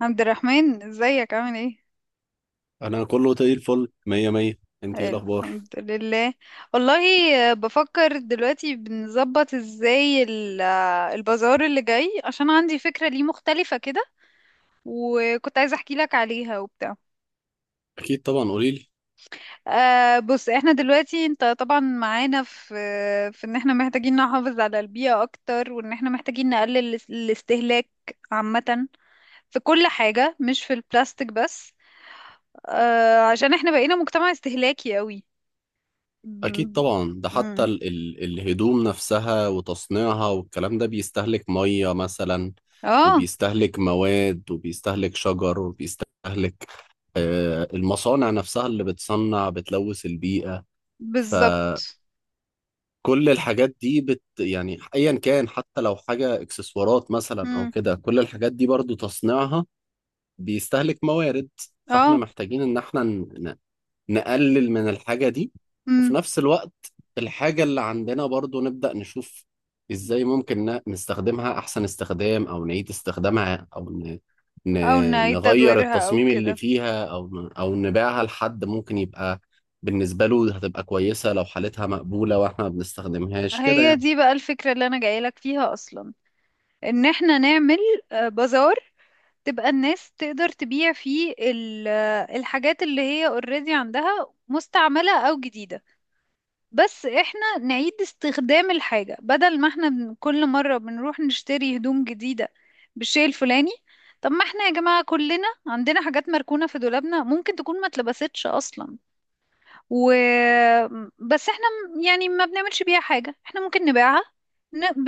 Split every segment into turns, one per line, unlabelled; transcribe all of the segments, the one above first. عبد الرحمن، ازيك؟ عامل ايه؟
انا كله زي الفل مية مية. انت ايه
حلو،
الاخبار؟
الحمد لله. والله. بفكر دلوقتي بنظبط ازاي البازار اللي جاي، عشان عندي فكرة ليه مختلفة كده. وكنت عايزة احكي لك عليها وبتاع.
اكيد طبعا قوليلي.
بص، احنا دلوقتي انت طبعا معانا في ان احنا محتاجين نحافظ على البيئة اكتر، وان احنا محتاجين نقلل الاستهلاك عامة في كل حاجة، مش في البلاستيك بس. عشان احنا بقينا مجتمع استهلاكي قوي.
اكيد
ب-
طبعا، ده حتى
مم.
ال الهدوم نفسها وتصنيعها والكلام ده بيستهلك مية مثلا،
اه،
وبيستهلك مواد وبيستهلك شجر وبيستهلك المصانع نفسها اللي بتصنع بتلوث البيئة. فكل
بالظبط.
الحاجات دي يعني ايا كان، حتى لو حاجة اكسسوارات مثلا او
مم.
كده، كل الحاجات دي برضو تصنيعها بيستهلك موارد. فاحنا
اه.
محتاجين ان احنا نقلل من الحاجة دي. وفي
مم.
نفس الوقت، الحاجة اللي عندنا برضو نبدأ نشوف ازاي ممكن نستخدمها أحسن استخدام، أو نعيد استخدامها، أو ن...
او نعيد
نغير
تدويرها او
التصميم اللي
كده.
فيها، أو أو نبيعها لحد ممكن يبقى بالنسبة له هتبقى كويسة لو حالتها مقبولة وإحنا ما بنستخدمهاش كده
هي
يعني.
دي بقى الفكرة اللي انا جايلك فيها اصلا. ان احنا نعمل بازار، تبقى الناس تقدر تبيع فيه الحاجات اللي هي اوريدي عندها، مستعملة او جديدة. بس احنا نعيد استخدام الحاجة، بدل ما احنا كل مرة بنروح نشتري هدوم جديدة بالشيء الفلاني. طب، ما احنا يا جماعة كلنا عندنا حاجات مركونة في دولابنا، ممكن تكون ما اتلبستش اصلا. و بس احنا يعني ما بنعملش بيها حاجة، احنا ممكن نبيعها ن-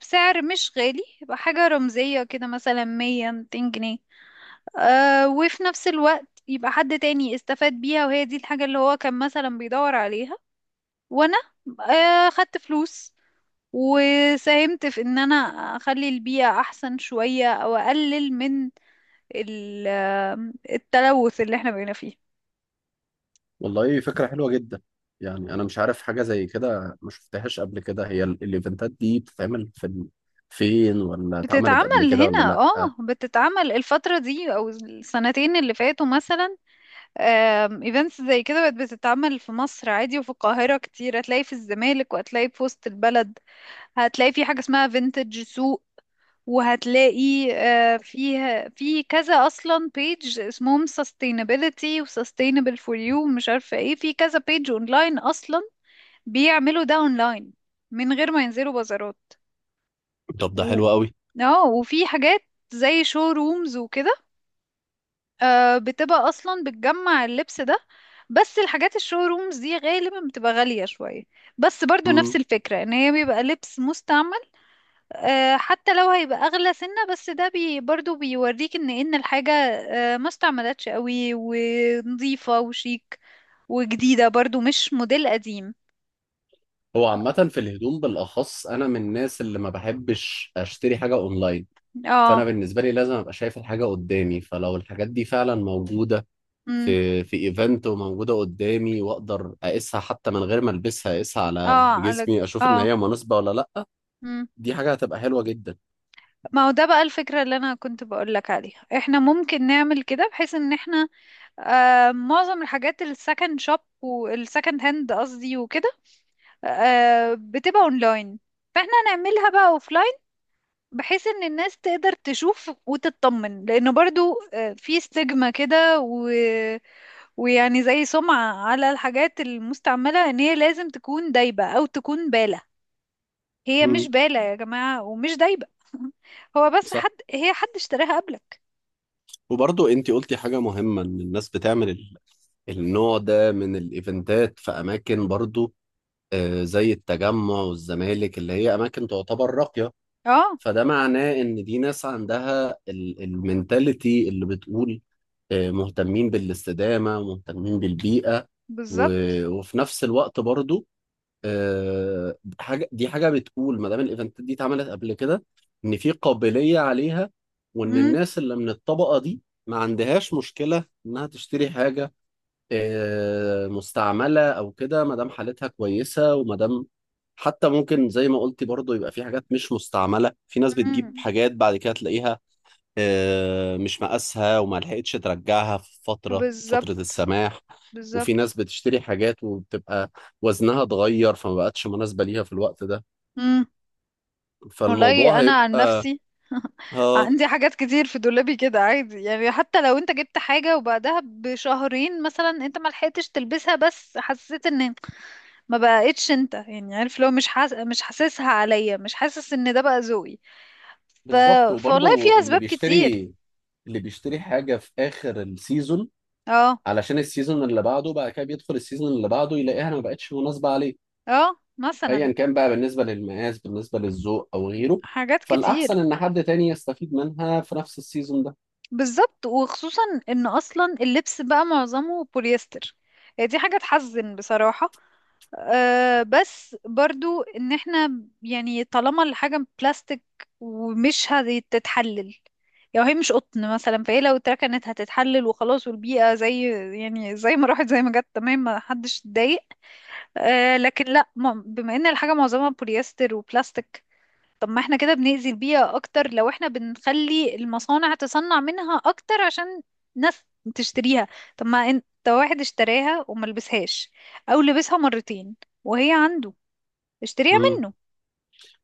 بسعر مش غالي، يبقى حاجة رمزية كده، مثلا 100 200 جنيه. اه، وفي نفس الوقت يبقى حد تاني استفاد بيها، وهي دي الحاجة اللي هو كان مثلا بيدور عليها. وانا خدت فلوس، وساهمت في ان انا اخلي البيئة احسن شوية، او اقلل من التلوث اللي احنا بقينا فيه.
والله فكرة حلوة جدا. يعني أنا مش عارف، حاجة زي كده ما شفتهاش قبل كده. هي الإيفنتات دي بتتعمل في فين، ولا اتعملت قبل
بتتعمل
كده ولا
هنا،
لأ؟
اه، بتتعمل الفترة دي او السنتين اللي فاتوا مثلا. ايفنتس زي كده بقت بتتعمل في مصر عادي، وفي القاهرة كتير. هتلاقي في الزمالك، وهتلاقي في وسط البلد. هتلاقي في حاجة اسمها فينتج سوق. وهتلاقي فيها في كذا اصلا بيج، اسمهم sustainability و sustainable for you، مش عارفه ايه. في كذا بيج اونلاين اصلا بيعملوا ده اونلاين، من غير ما ينزلوا بازارات.
طب ده
و...
حلو قوي.
اه، وفي حاجات زي شو رومز وكده، بتبقى اصلا بتجمع اللبس ده. بس الحاجات الشو رومز دي غالبا بتبقى غالية شوية، بس برضو نفس
مم.
الفكرة، ان هي بيبقى لبس مستعمل. حتى لو هيبقى اغلى سنة، بس ده برضو بيوريك ان الحاجة ما استعملتش قوي، ونظيفة وشيك، وجديدة برضو، مش موديل قديم.
هو عامة في الهدوم بالأخص أنا من الناس اللي ما بحبش أشتري حاجة أونلاين. فأنا
اه.
بالنسبة لي لازم أبقى شايف الحاجة قدامي، فلو الحاجات دي فعلا موجودة
امم
في إيفنت وموجودة قدامي وأقدر أقيسها حتى من غير ما ألبسها، أقيسها
اه،
على
على.
جسمي أشوف إن
اه.
هي مناسبة ولا لأ،
امم
دي حاجة هتبقى حلوة جدا.
ما هو ده بقى الفكرة اللي انا كنت بقول لك عليها. احنا ممكن نعمل كده، بحيث ان احنا معظم الحاجات السكند شوب والسكند هاند، قصدي وكده، بتبقى اونلاين، فاحنا نعملها بقى اوفلاين، بحيث ان الناس تقدر تشوف وتطمن، لانه برضو في ستيجما كده. ويعني زي سمعة على الحاجات المستعملة، ان هي لازم تكون دايبة او تكون بالة. هي مش
مم.
بالة يا جماعة، ومش دايبة. هو بس حد،
صح.
هي، حد اشتراها قبلك.
وبرضو انت قلتي حاجة مهمة، ان الناس بتعمل النوع ده من الايفنتات في اماكن برضو، زي التجمع والزمالك اللي هي اماكن تعتبر راقيه.
اه،
فده معناه ان دي ناس عندها المنتاليتي اللي بتقول مهتمين بالاستدامه ومهتمين بالبيئه.
بالظبط.
وفي نفس الوقت برضو دي حاجه بتقول ما دام الايفنتات دي اتعملت قبل كده، ان في قابليه عليها، وان
امم
الناس اللي من الطبقه دي ما عندهاش مشكله انها تشتري حاجه مستعملة أو كده، ما دام حالتها كويسة وما دام، حتى ممكن زي ما قلتي برضو، يبقى في حاجات مش مستعملة. في ناس بتجيب
امم،
حاجات بعد كده تلاقيها مش مقاسها وما لحقتش ترجعها في فترة
بالظبط.
السماح.
بالظبط.
وفي ناس بتشتري حاجات وبتبقى وزنها اتغير فما بقتش مناسبة ليها في الوقت ده.
امم.
فالموضوع
والله انا
هيبقى.
عن نفسي.
اه.
عندي حاجات كتير في دولابي كده، عادي يعني. حتى لو انت جبت حاجة وبعدها بشهرين مثلا انت ما لحقتش تلبسها، بس حسيت ان ما بقتش انت، يعني عارف، لو مش مش حاسسها عليا، مش حاسس ان ده بقى ذوقي. ف...
بالظبط.
فوالله في
وبرضو
اسباب كتير.
اللي بيشتري حاجة في آخر السيزون
اه.
علشان السيزون اللي بعده، بقى كده بيدخل السيزون اللي بعده يلاقيها ما بقتش مناسبة عليه،
اه، مثلا.
ايا كان بقى، بالنسبة للمقاس بالنسبة للذوق او غيره.
حاجات
فالاحسن
كتير.
ان حد تاني يستفيد منها في نفس السيزون ده.
بالظبط، وخصوصا ان اصلا اللبس بقى معظمه بوليستر. هي دي حاجة تحزن بصراحة. بس برضو، ان احنا يعني طالما الحاجة بلاستيك ومش هتتحلل. يعني هي مش قطن مثلا، فهي لو اتركنت هتتحلل وخلاص، والبيئة زي يعني زي ما راحت زي ما جت، تمام، ما حدش اتضايق. لكن لا، بما ان الحاجة معظمها بوليستر وبلاستيك، طب ما احنا كده بنأذي البيئة اكتر، لو احنا بنخلي المصانع تصنع منها اكتر عشان ناس تشتريها. طب، ما انت، واحد اشتراها وما لبسهاش او لبسها مرتين وهي عنده، اشتريها
مم.
منه.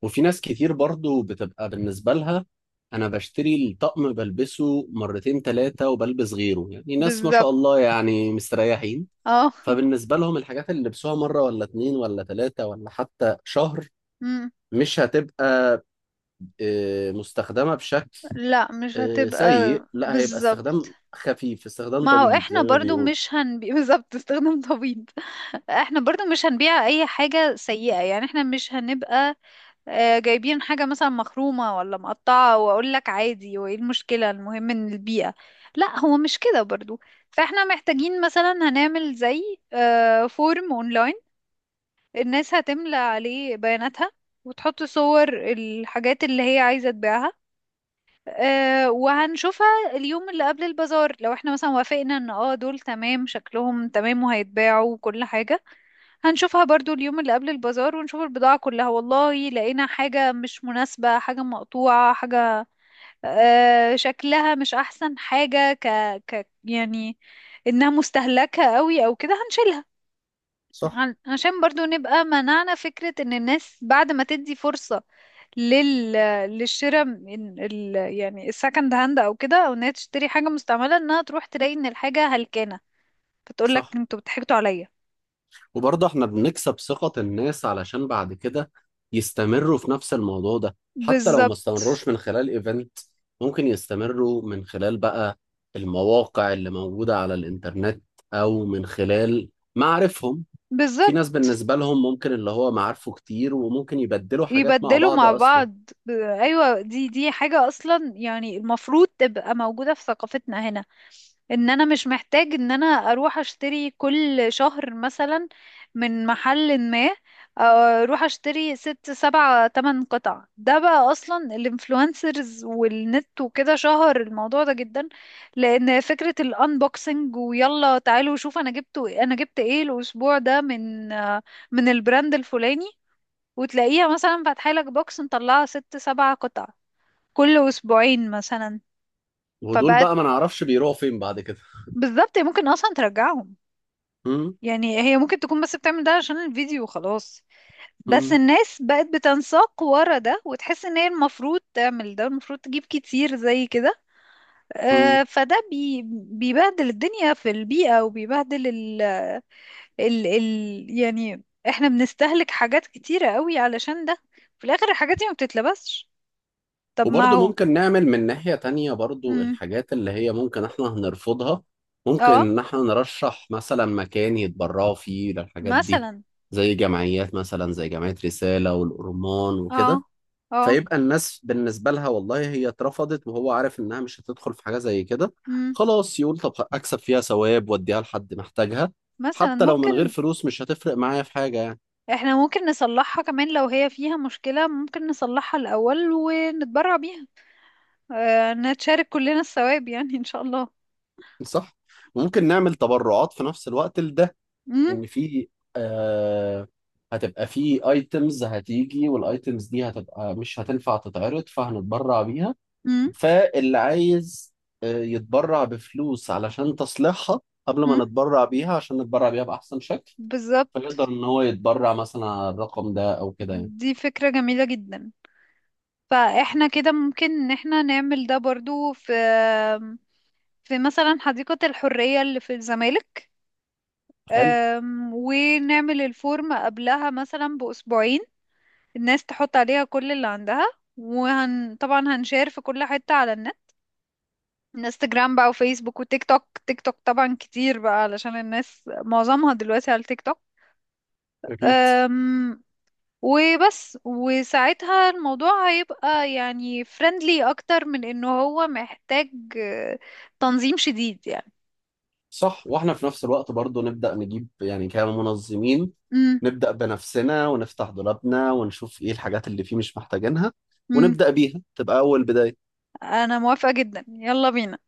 وفي ناس كتير برضو بتبقى بالنسبة لها، انا بشتري الطقم بلبسه مرتين ثلاثة وبلبس غيره، يعني ناس ما شاء
بالظبط.
الله يعني مستريحين.
اه.
فبالنسبة لهم الحاجات اللي لبسوها مرة ولا اتنين ولا ثلاثة ولا حتى شهر
مم.
مش هتبقى مستخدمة بشكل
لا، مش هتبقى.
سيء، لا هيبقى
بالظبط.
استخدام خفيف، استخدام
ما هو
طبيب زي
احنا
ما
برضو
بيقول.
مش هنبيع. بالظبط، استخدام طبيب. احنا برضو مش هنبيع اي حاجة سيئة يعني. احنا مش هنبقى جايبين حاجة مثلا مخرومة ولا مقطعة، وأقول لك عادي وإيه المشكلة، المهم إن البيئة. لا، هو مش كده برضو. فإحنا محتاجين، مثلا هنعمل زي فورم أونلاين، الناس هتملى عليه بياناتها، وتحط صور الحاجات اللي هي عايزة تبيعها. وهنشوفها اليوم اللي قبل البازار، لو احنا مثلا وافقنا ان دول تمام، شكلهم تمام وهيتباعوا وكل حاجة. هنشوفها برضو اليوم اللي قبل البازار، ونشوف البضاعة كلها. والله لقينا حاجة مش مناسبة، حاجة مقطوعة، حاجة شكلها مش أحسن، حاجة يعني إنها مستهلكة قوي أو كده، هنشيلها.
صح.
عشان برضو نبقى منعنا فكرة ان الناس، بعد ما تدي فرصة لل للشراء من يعني السكند هاند او كده، او انها تشتري حاجة مستعملة، انها تروح تلاقي ان الحاجة هلكانة، فتقول لك
صح.
انتوا بتحكتوا عليا.
وبرضه احنا بنكسب ثقة الناس علشان بعد كده يستمروا في نفس الموضوع ده، حتى لو ما
بالظبط.
استمروش من خلال ايفنت ممكن يستمروا من خلال بقى المواقع اللي موجودة على الانترنت، او من خلال معارفهم. في
بالظبط.
ناس بالنسبة لهم ممكن، اللي هو معارفه كتير وممكن يبدلوا حاجات مع
يبدلوا
بعض
مع
اصلا.
بعض. ايوه، دي حاجة اصلا يعني المفروض تبقى موجودة في ثقافتنا هنا. ان انا مش محتاج ان انا اروح اشتري كل شهر مثلا من محل ما، اروح اشتري 6 7 8 قطع. ده بقى اصلا الانفلونسرز والنت وكده شهر الموضوع ده جدا، لان فكرة الانبوكسنج، ويلا تعالوا شوف انا جبت ايه الاسبوع ده من من البراند الفلاني، وتلاقيها مثلا فاتحة لك بوكس مطلعة 6 7 قطع كل أسبوعين مثلا.
ودول بقى
فبقت.
ما نعرفش بيروحوا فين بعد كده.
بالظبط، هي ممكن أصلا ترجعهم.
م؟
يعني هي ممكن تكون بس بتعمل ده عشان الفيديو وخلاص. بس
م؟
الناس بقت بتنساق ورا ده، وتحس ان هي المفروض تعمل ده، المفروض تجيب كتير زي كده.
م.
فده بيبهدل الدنيا في البيئة، وبيبهدل ال ال ال يعني احنا بنستهلك حاجات كتيرة قوي علشان ده. في الآخر الحاجات دي ما بتتلبسش. طب ما
وبرضه
هو.
ممكن نعمل من ناحية تانية برضه،
مم.
الحاجات اللي هي ممكن احنا هنرفضها ممكن
اه،
ان احنا نرشح مثلا مكان يتبرعوا فيه للحاجات دي،
مثلا.
زي جمعيات مثلا، زي جمعية رسالة والأورمان
اه.
وكده.
اه.
فيبقى الناس بالنسبة لها والله هي اترفضت وهو عارف انها مش هتدخل في حاجة زي كده،
امم
خلاص يقول طب اكسب فيها ثواب واديها لحد محتاجها.
مثلا
حتى لو من غير
ممكن.
فلوس مش هتفرق معايا في حاجة يعني.
احنا ممكن نصلحها كمان، لو هي فيها مشكلة ممكن نصلحها الأول ونتبرع بيها. نتشارك كلنا الثواب يعني، ان شاء الله.
صح؟ ممكن نعمل تبرعات في نفس الوقت لده،
امم
ان في آه هتبقى في ايتمز هتيجي، والايتمز دي هتبقى مش هتنفع تتعرض فهنتبرع بيها.
امم
فاللي عايز يتبرع بفلوس علشان تصليحها قبل
امم
ما نتبرع بيها، عشان نتبرع بيها بأحسن شكل،
بالظبط.
فيقدر ان هو يتبرع مثلا على الرقم ده او كده يعني.
دي فكرة جميلة جدا. فاحنا كده ممكن ان احنا نعمل ده برضو، في مثلا حديقة الحرية اللي في الزمالك.
حلو.
ونعمل الفورم قبلها مثلا بأسبوعين. الناس تحط عليها كل اللي عندها، وهن طبعا هنشير في كل حتة على النت. انستجرام بقى، وفيسبوك، وتيك توك. تيك توك طبعا كتير بقى، علشان الناس معظمها دلوقتي على التيك توك.
أكيد.
أم... وبس. وساعتها الموضوع هيبقى يعني فريندلي اكتر، من انه هو محتاج آه، تنظيم شديد يعني.
صح، واحنا في نفس الوقت برضو نبدأ نجيب، يعني كمنظمين نبدأ بنفسنا ونفتح دولابنا ونشوف ايه الحاجات اللي فيه مش محتاجينها،
امم
ونبدأ بيها تبقى أول بداية.
انا موافقة جدا، يلا بينا.